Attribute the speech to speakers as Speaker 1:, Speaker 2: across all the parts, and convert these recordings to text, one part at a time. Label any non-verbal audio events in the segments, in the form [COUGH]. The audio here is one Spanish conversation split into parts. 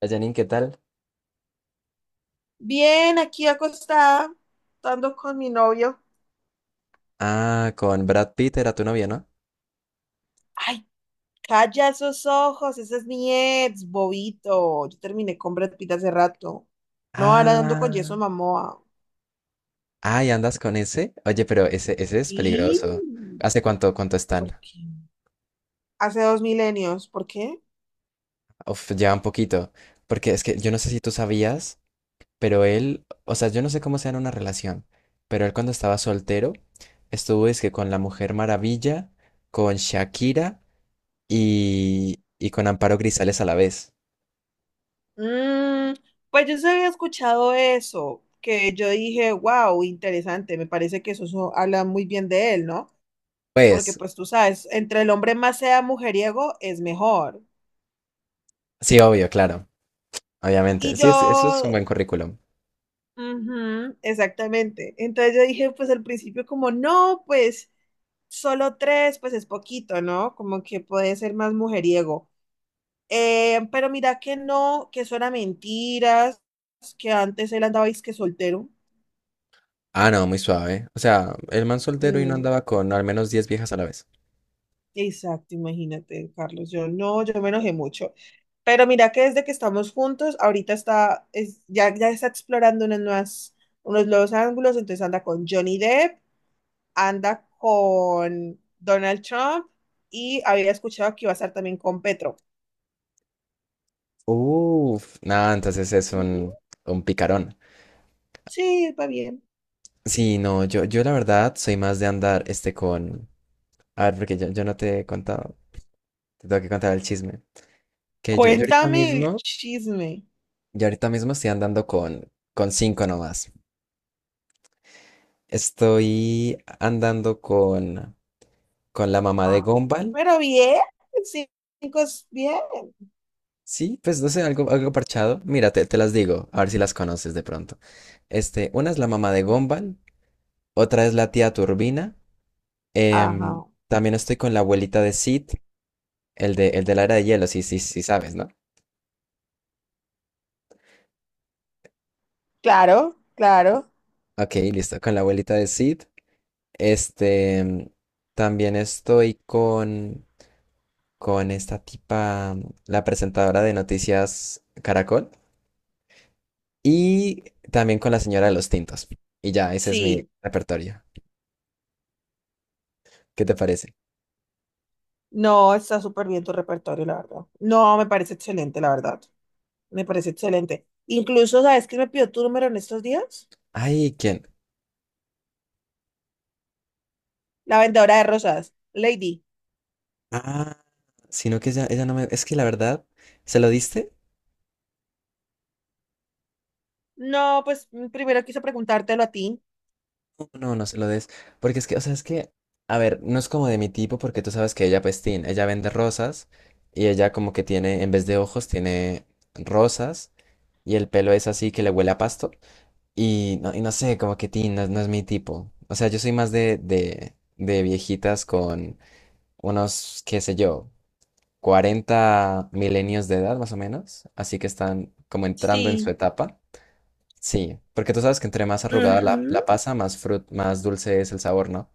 Speaker 1: Hola, Janine, ¿qué tal?
Speaker 2: Bien, aquí acostada, estando con mi novio.
Speaker 1: Ah, con Brad Pitt era tu novia, ¿no?
Speaker 2: Ay, calla esos ojos, ese es mi ex, bobito. Yo terminé con Brad Pitt hace rato. No, ahora ando con Jason
Speaker 1: Ah,
Speaker 2: Momoa.
Speaker 1: ay, ¿andas con ese? Oye, pero ese es
Speaker 2: Sí,
Speaker 1: peligroso. ¿Hace cuánto están?
Speaker 2: ¿por qué? Hace 2 milenios, ¿por qué?
Speaker 1: Uf, ya un poquito. Porque es que yo no sé si tú sabías, pero él, o sea, yo no sé cómo sea en una relación, pero él cuando estaba soltero, estuvo es que con la Mujer Maravilla, con Shakira y con Amparo Grisales a la vez.
Speaker 2: Mm, pues yo se había escuchado eso, que yo dije, wow, interesante, me parece que eso habla muy bien de él, ¿no? Porque
Speaker 1: Pues,
Speaker 2: pues tú sabes, entre el hombre más sea mujeriego es mejor.
Speaker 1: sí, obvio, claro, obviamente.
Speaker 2: Y
Speaker 1: Sí, eso es un
Speaker 2: yo
Speaker 1: buen currículum.
Speaker 2: Ujú, exactamente. Entonces yo dije, pues al principio como, no, pues solo tres, pues es poquito, ¿no? Como que puede ser más mujeriego. Pero mira que no, que eso era mentiras, que antes él andaba que soltero.
Speaker 1: Ah, no, muy suave. O sea, el man soltero y no
Speaker 2: Mm,
Speaker 1: andaba con al menos 10 viejas a la vez.
Speaker 2: exacto, imagínate, Carlos. Yo no, yo me enojé mucho. Pero mira que desde que estamos juntos, ahorita ya, ya está explorando unas nuevas, unos nuevos ángulos, entonces anda con Johnny Depp, anda con Donald Trump, y había escuchado que iba a estar también con Petro.
Speaker 1: Uf, nada, entonces
Speaker 2: Ujú.
Speaker 1: un picarón.
Speaker 2: Sí, va bien.
Speaker 1: Sí, no, yo la verdad soy más de andar este con... A ver, porque yo no te he contado, te tengo que contar el chisme. Que
Speaker 2: Cuéntame el chisme.
Speaker 1: yo ahorita mismo estoy andando con 5 nomás. Estoy andando con la mamá de
Speaker 2: Ah.
Speaker 1: Gombal.
Speaker 2: Pero bien, cinco es bien.
Speaker 1: Sí, pues no sé, algo parchado. Mira, te las digo, a ver si las conoces de pronto. Este, una es la mamá de Gombal. Otra es la tía Turbina.
Speaker 2: Ajá.
Speaker 1: También estoy con la abuelita de Sid, el de la era de hielo, sí, sí, sí sabes, ¿no?
Speaker 2: Claro, claro.
Speaker 1: Ok, listo, con la abuelita de Sid. Este, em, también estoy con esta tipa, la presentadora de Noticias Caracol. Y también con la señora de los tintos. Y ya, ese es mi
Speaker 2: Sí.
Speaker 1: repertorio. ¿Qué te parece?
Speaker 2: No, está súper bien tu repertorio, la verdad. No, me parece excelente, la verdad. Me parece excelente. Incluso, ¿sabes quién me pidió tu número en estos días?
Speaker 1: Ay, ¿quién?
Speaker 2: La vendedora de rosas, Lady.
Speaker 1: Ah, sino que ella no me... Es que la verdad, ¿se lo diste?
Speaker 2: No, pues primero quiso preguntártelo a ti.
Speaker 1: No, no se lo des. Porque es que, o sea, es que, a ver, no es como de mi tipo, porque tú sabes que ella, pues, tin, ella vende rosas y ella como que tiene, en vez de ojos, tiene rosas y el pelo es así que le huele a pasto. Y no sé, como que tin, no, no es mi tipo. O sea, yo soy más de viejitas con unos, qué sé yo, 40 milenios de edad, más o menos. Así que están como entrando en su
Speaker 2: Sí.
Speaker 1: etapa. Sí, porque tú sabes que entre más arrugada la
Speaker 2: Ujú.
Speaker 1: pasa, más más dulce es el sabor, ¿no?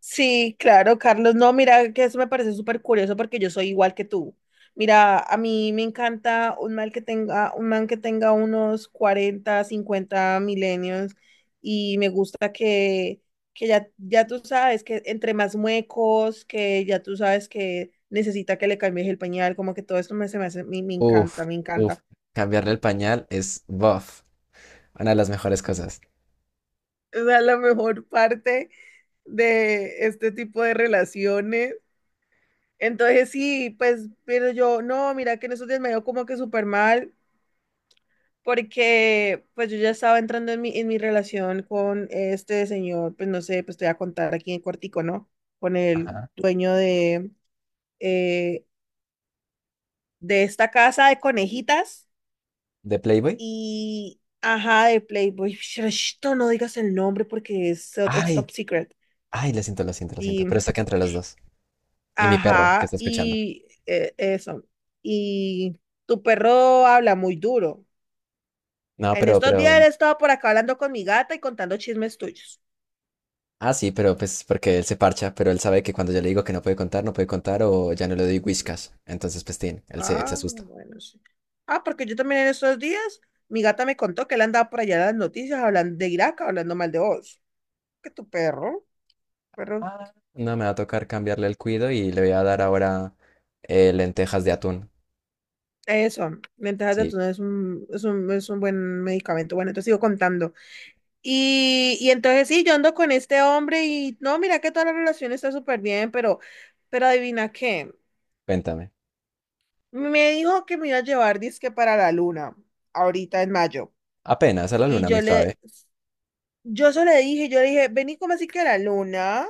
Speaker 2: Sí, claro, Carlos. No, mira, que eso me parece súper curioso porque yo soy igual que tú. Mira, a mí me encanta un man que tenga unos 40 50 milenios y me gusta que ya, ya tú sabes que entre más muecos, que ya tú sabes que necesita que le cambies el pañal, como que todo esto se me hace, me encanta,
Speaker 1: Uf,
Speaker 2: me
Speaker 1: uf.
Speaker 2: encanta.
Speaker 1: Cambiarle el pañal es buff. Una de las mejores cosas.
Speaker 2: Esa es la mejor parte de este tipo de relaciones. Entonces sí, pues, pero yo, no, mira que en esos días me dio como que súper mal, porque pues yo ya estaba entrando en mi relación con este señor, pues no sé, pues te voy a contar aquí en cortico, ¿no? Con el
Speaker 1: Ajá.
Speaker 2: dueño eh, de esta casa de conejitas
Speaker 1: ¿De Playboy?
Speaker 2: y, ajá, de Playboy. Esto no digas el nombre porque es
Speaker 1: Ay,
Speaker 2: top secret.
Speaker 1: ay, lo siento, lo siento, lo siento.
Speaker 2: Y,
Speaker 1: Pero está acá entre los dos. Y mi perro, que
Speaker 2: ajá,
Speaker 1: está escuchando.
Speaker 2: y eso. Y tu perro habla muy duro.
Speaker 1: No,
Speaker 2: En
Speaker 1: pero,
Speaker 2: estos
Speaker 1: pero.
Speaker 2: días he estado por acá hablando con mi gata y contando chismes tuyos.
Speaker 1: Ah, sí, pero pues porque él se parcha, pero él sabe que cuando yo le digo que no puede contar, no puede contar o ya no le doy whiskas. Entonces, pues, tin, él se
Speaker 2: Ah,
Speaker 1: asusta.
Speaker 2: bueno, sí. Ah, porque yo también en estos días, mi gata me contó que él andaba por allá en las noticias hablando de Irak, hablando mal de vos. Que tu perro, perro.
Speaker 1: Ah. No, me va a tocar cambiarle el cuido y le voy a dar ahora lentejas de atún.
Speaker 2: Eso, ventajas de
Speaker 1: Sí,
Speaker 2: atún es un buen medicamento. Bueno, entonces sigo contando. Y entonces sí, yo ando con este hombre y no, mira que toda la relación está súper bien, pero adivina qué,
Speaker 1: cuéntame.
Speaker 2: me dijo que me iba a llevar disque para la luna, ahorita en mayo.
Speaker 1: Apenas a la
Speaker 2: Y
Speaker 1: luna,
Speaker 2: yo
Speaker 1: muy suave.
Speaker 2: le, yo solo le dije, yo le dije, vení como así que a la luna.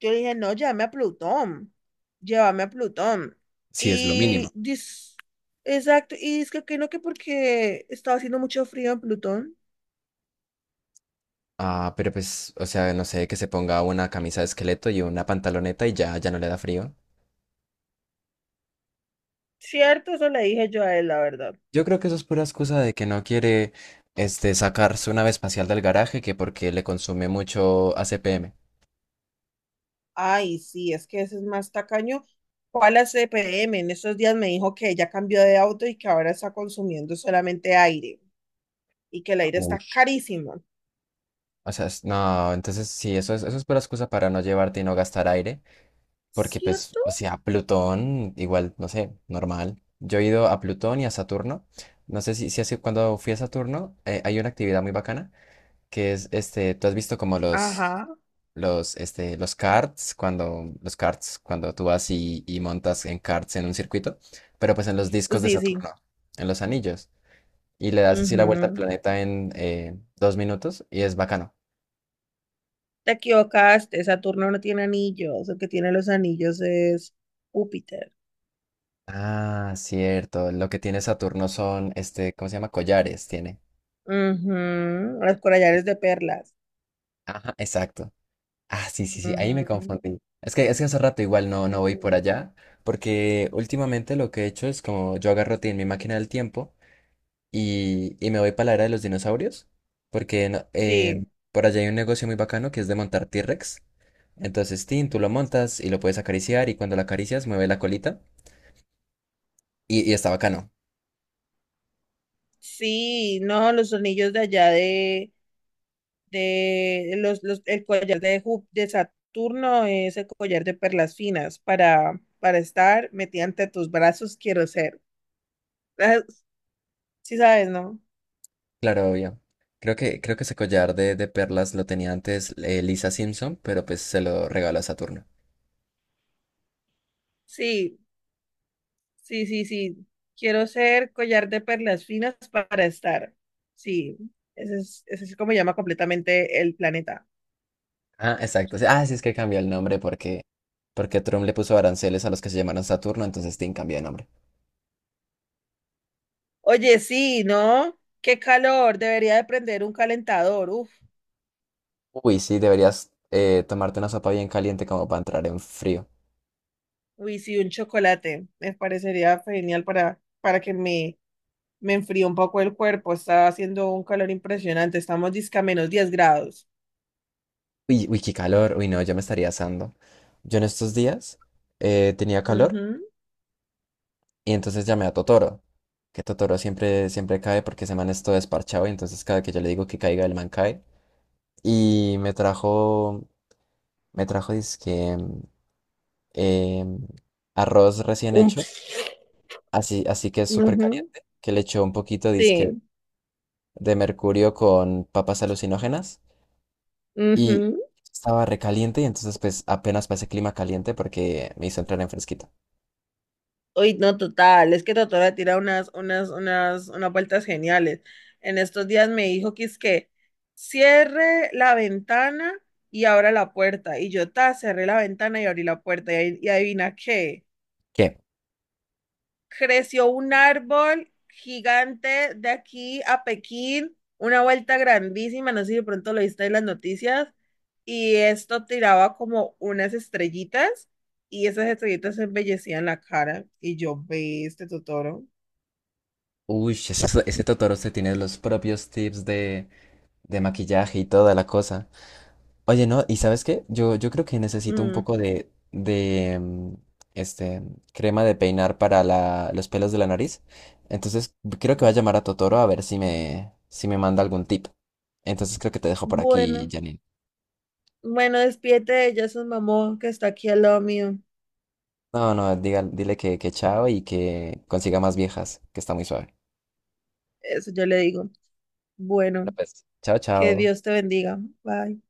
Speaker 2: Yo le dije, no, llévame a Plutón, llévame a Plutón.
Speaker 1: Sí, es lo mínimo.
Speaker 2: Y dis, exacto, y es que no, que porque estaba haciendo mucho frío en Plutón.
Speaker 1: Ah, pero pues, o sea, no sé, que se ponga una camisa de esqueleto y una pantaloneta y ya, ya no le da frío.
Speaker 2: Cierto, eso le dije yo a él, la verdad.
Speaker 1: Yo creo que eso es pura excusa de que no quiere, este, sacar su nave espacial del garaje, que porque le consume mucho ACPM.
Speaker 2: Ay, sí, es que ese es más tacaño. ¿Cuál la CPM? En estos días me dijo que ella cambió de auto y que ahora está consumiendo solamente aire y que el aire está
Speaker 1: Ush.
Speaker 2: carísimo.
Speaker 1: O sea, no, entonces sí, eso es pura excusa para no llevarte y no gastar aire, porque pues,
Speaker 2: ¿Cierto?
Speaker 1: o sea, Plutón, igual, no sé, normal. Yo he ido a Plutón y a Saturno. No sé si, si hace, cuando fui a Saturno, hay una actividad muy bacana que es este, tú has visto como
Speaker 2: Ajá,
Speaker 1: los karts, los karts, cuando tú vas y montas en karts en un circuito, pero pues en los discos de
Speaker 2: sí, sí.
Speaker 1: Saturno, en los anillos, y le das así la vuelta al
Speaker 2: Ujú.
Speaker 1: planeta en 2 minutos y es bacano.
Speaker 2: Te equivocaste, Saturno no tiene anillos, el que tiene los anillos es Júpiter.
Speaker 1: Ah, cierto, lo que tiene Saturno son, este, ¿cómo se llama? Collares tiene.
Speaker 2: Ujú. Los collares de perlas.
Speaker 1: Ajá, exacto. Ah, sí, sí, sí, ahí me
Speaker 2: Ujú.
Speaker 1: confundí. Es que hace rato igual no, no voy por
Speaker 2: Sí.
Speaker 1: allá, porque últimamente lo que he hecho es como yo agarro ti en mi máquina del tiempo y me voy para la era de los dinosaurios, porque
Speaker 2: Sí,
Speaker 1: por allá hay un negocio muy bacano que es de montar T-Rex. Entonces, Tin, tú lo montas y lo puedes acariciar y cuando lo acaricias mueve la colita y está bacano.
Speaker 2: sí, no, los anillos de allá de el collar de Saturno es el collar de perlas finas para estar metida ante tus brazos, quiero ser. [LAUGHS] Ah, sí sabes, ¿no?
Speaker 1: Claro, obvio. Creo que ese collar de perlas lo tenía antes Lisa Simpson, pero pues se lo regaló a Saturno.
Speaker 2: Sí. Sí, sí, sí. Quiero ser collar de perlas finas para estar. Sí, ese es como llama completamente el planeta.
Speaker 1: Ah, exacto. Sí. Ah, sí, es que cambió el nombre porque, porque Trump le puso aranceles a los que se llamaron Saturno, entonces Tin cambió de nombre.
Speaker 2: Oye, sí, ¿no? Qué calor. Debería de prender un calentador. Uf,
Speaker 1: Uy, sí, deberías tomarte una sopa bien caliente como para entrar en frío.
Speaker 2: uy, sí, un chocolate. Me parecería genial para que me enfríe un poco el cuerpo. Está haciendo un calor impresionante. Estamos disca -10 grados.
Speaker 1: Uy, uy, qué calor. Uy, no, yo me estaría asando. Yo en estos días tenía calor
Speaker 2: Ujú.
Speaker 1: y entonces llamé a Totoro. Que Totoro siempre, siempre cae porque ese man es todo desparchado y entonces cada que yo le digo que caiga, el man cae. Y me trajo, dizque, em, arroz recién
Speaker 2: Un
Speaker 1: hecho,
Speaker 2: ps-
Speaker 1: así, así que es súper
Speaker 2: Ujú.
Speaker 1: caliente, que le echó un poquito, dizque,
Speaker 2: Sí.
Speaker 1: de mercurio con papas alucinógenas y
Speaker 2: Ujú.
Speaker 1: estaba recaliente y entonces pues apenas para ese clima caliente porque me hizo entrar en fresquito.
Speaker 2: Uy, no, total, es que Totora tira unas vueltas geniales. En estos días me dijo que es que cierre la ventana y abra la puerta. Y yo, ta, cerré la ventana y abrí la puerta. Y adivina qué,
Speaker 1: ¿Qué?
Speaker 2: creció un árbol gigante de aquí a Pekín, una vuelta grandísima, no sé si de pronto lo viste en las noticias, y esto tiraba como unas estrellitas. Y esas estrellitas embellecían la cara. Y yo, ve este Totoro.
Speaker 1: Uy, [LAUGHS] ese Totoro se tiene los propios tips de maquillaje y toda la cosa. Oye, ¿no? ¿Y sabes qué? Yo creo que necesito un
Speaker 2: Mm,
Speaker 1: poco este, crema de peinar para los pelos de la nariz. Entonces, creo que voy a llamar a Totoro a ver si si me manda algún tip. Entonces, creo que te dejo por aquí,
Speaker 2: bueno,
Speaker 1: Janine.
Speaker 2: bueno, despídete de ella, su mamá, que está aquí al lado mío.
Speaker 1: No, no, dile que chao y que consiga más viejas, que está muy suave.
Speaker 2: Eso yo le digo. Bueno,
Speaker 1: Bueno, pues, chao,
Speaker 2: que
Speaker 1: chao.
Speaker 2: Dios te bendiga. Bye.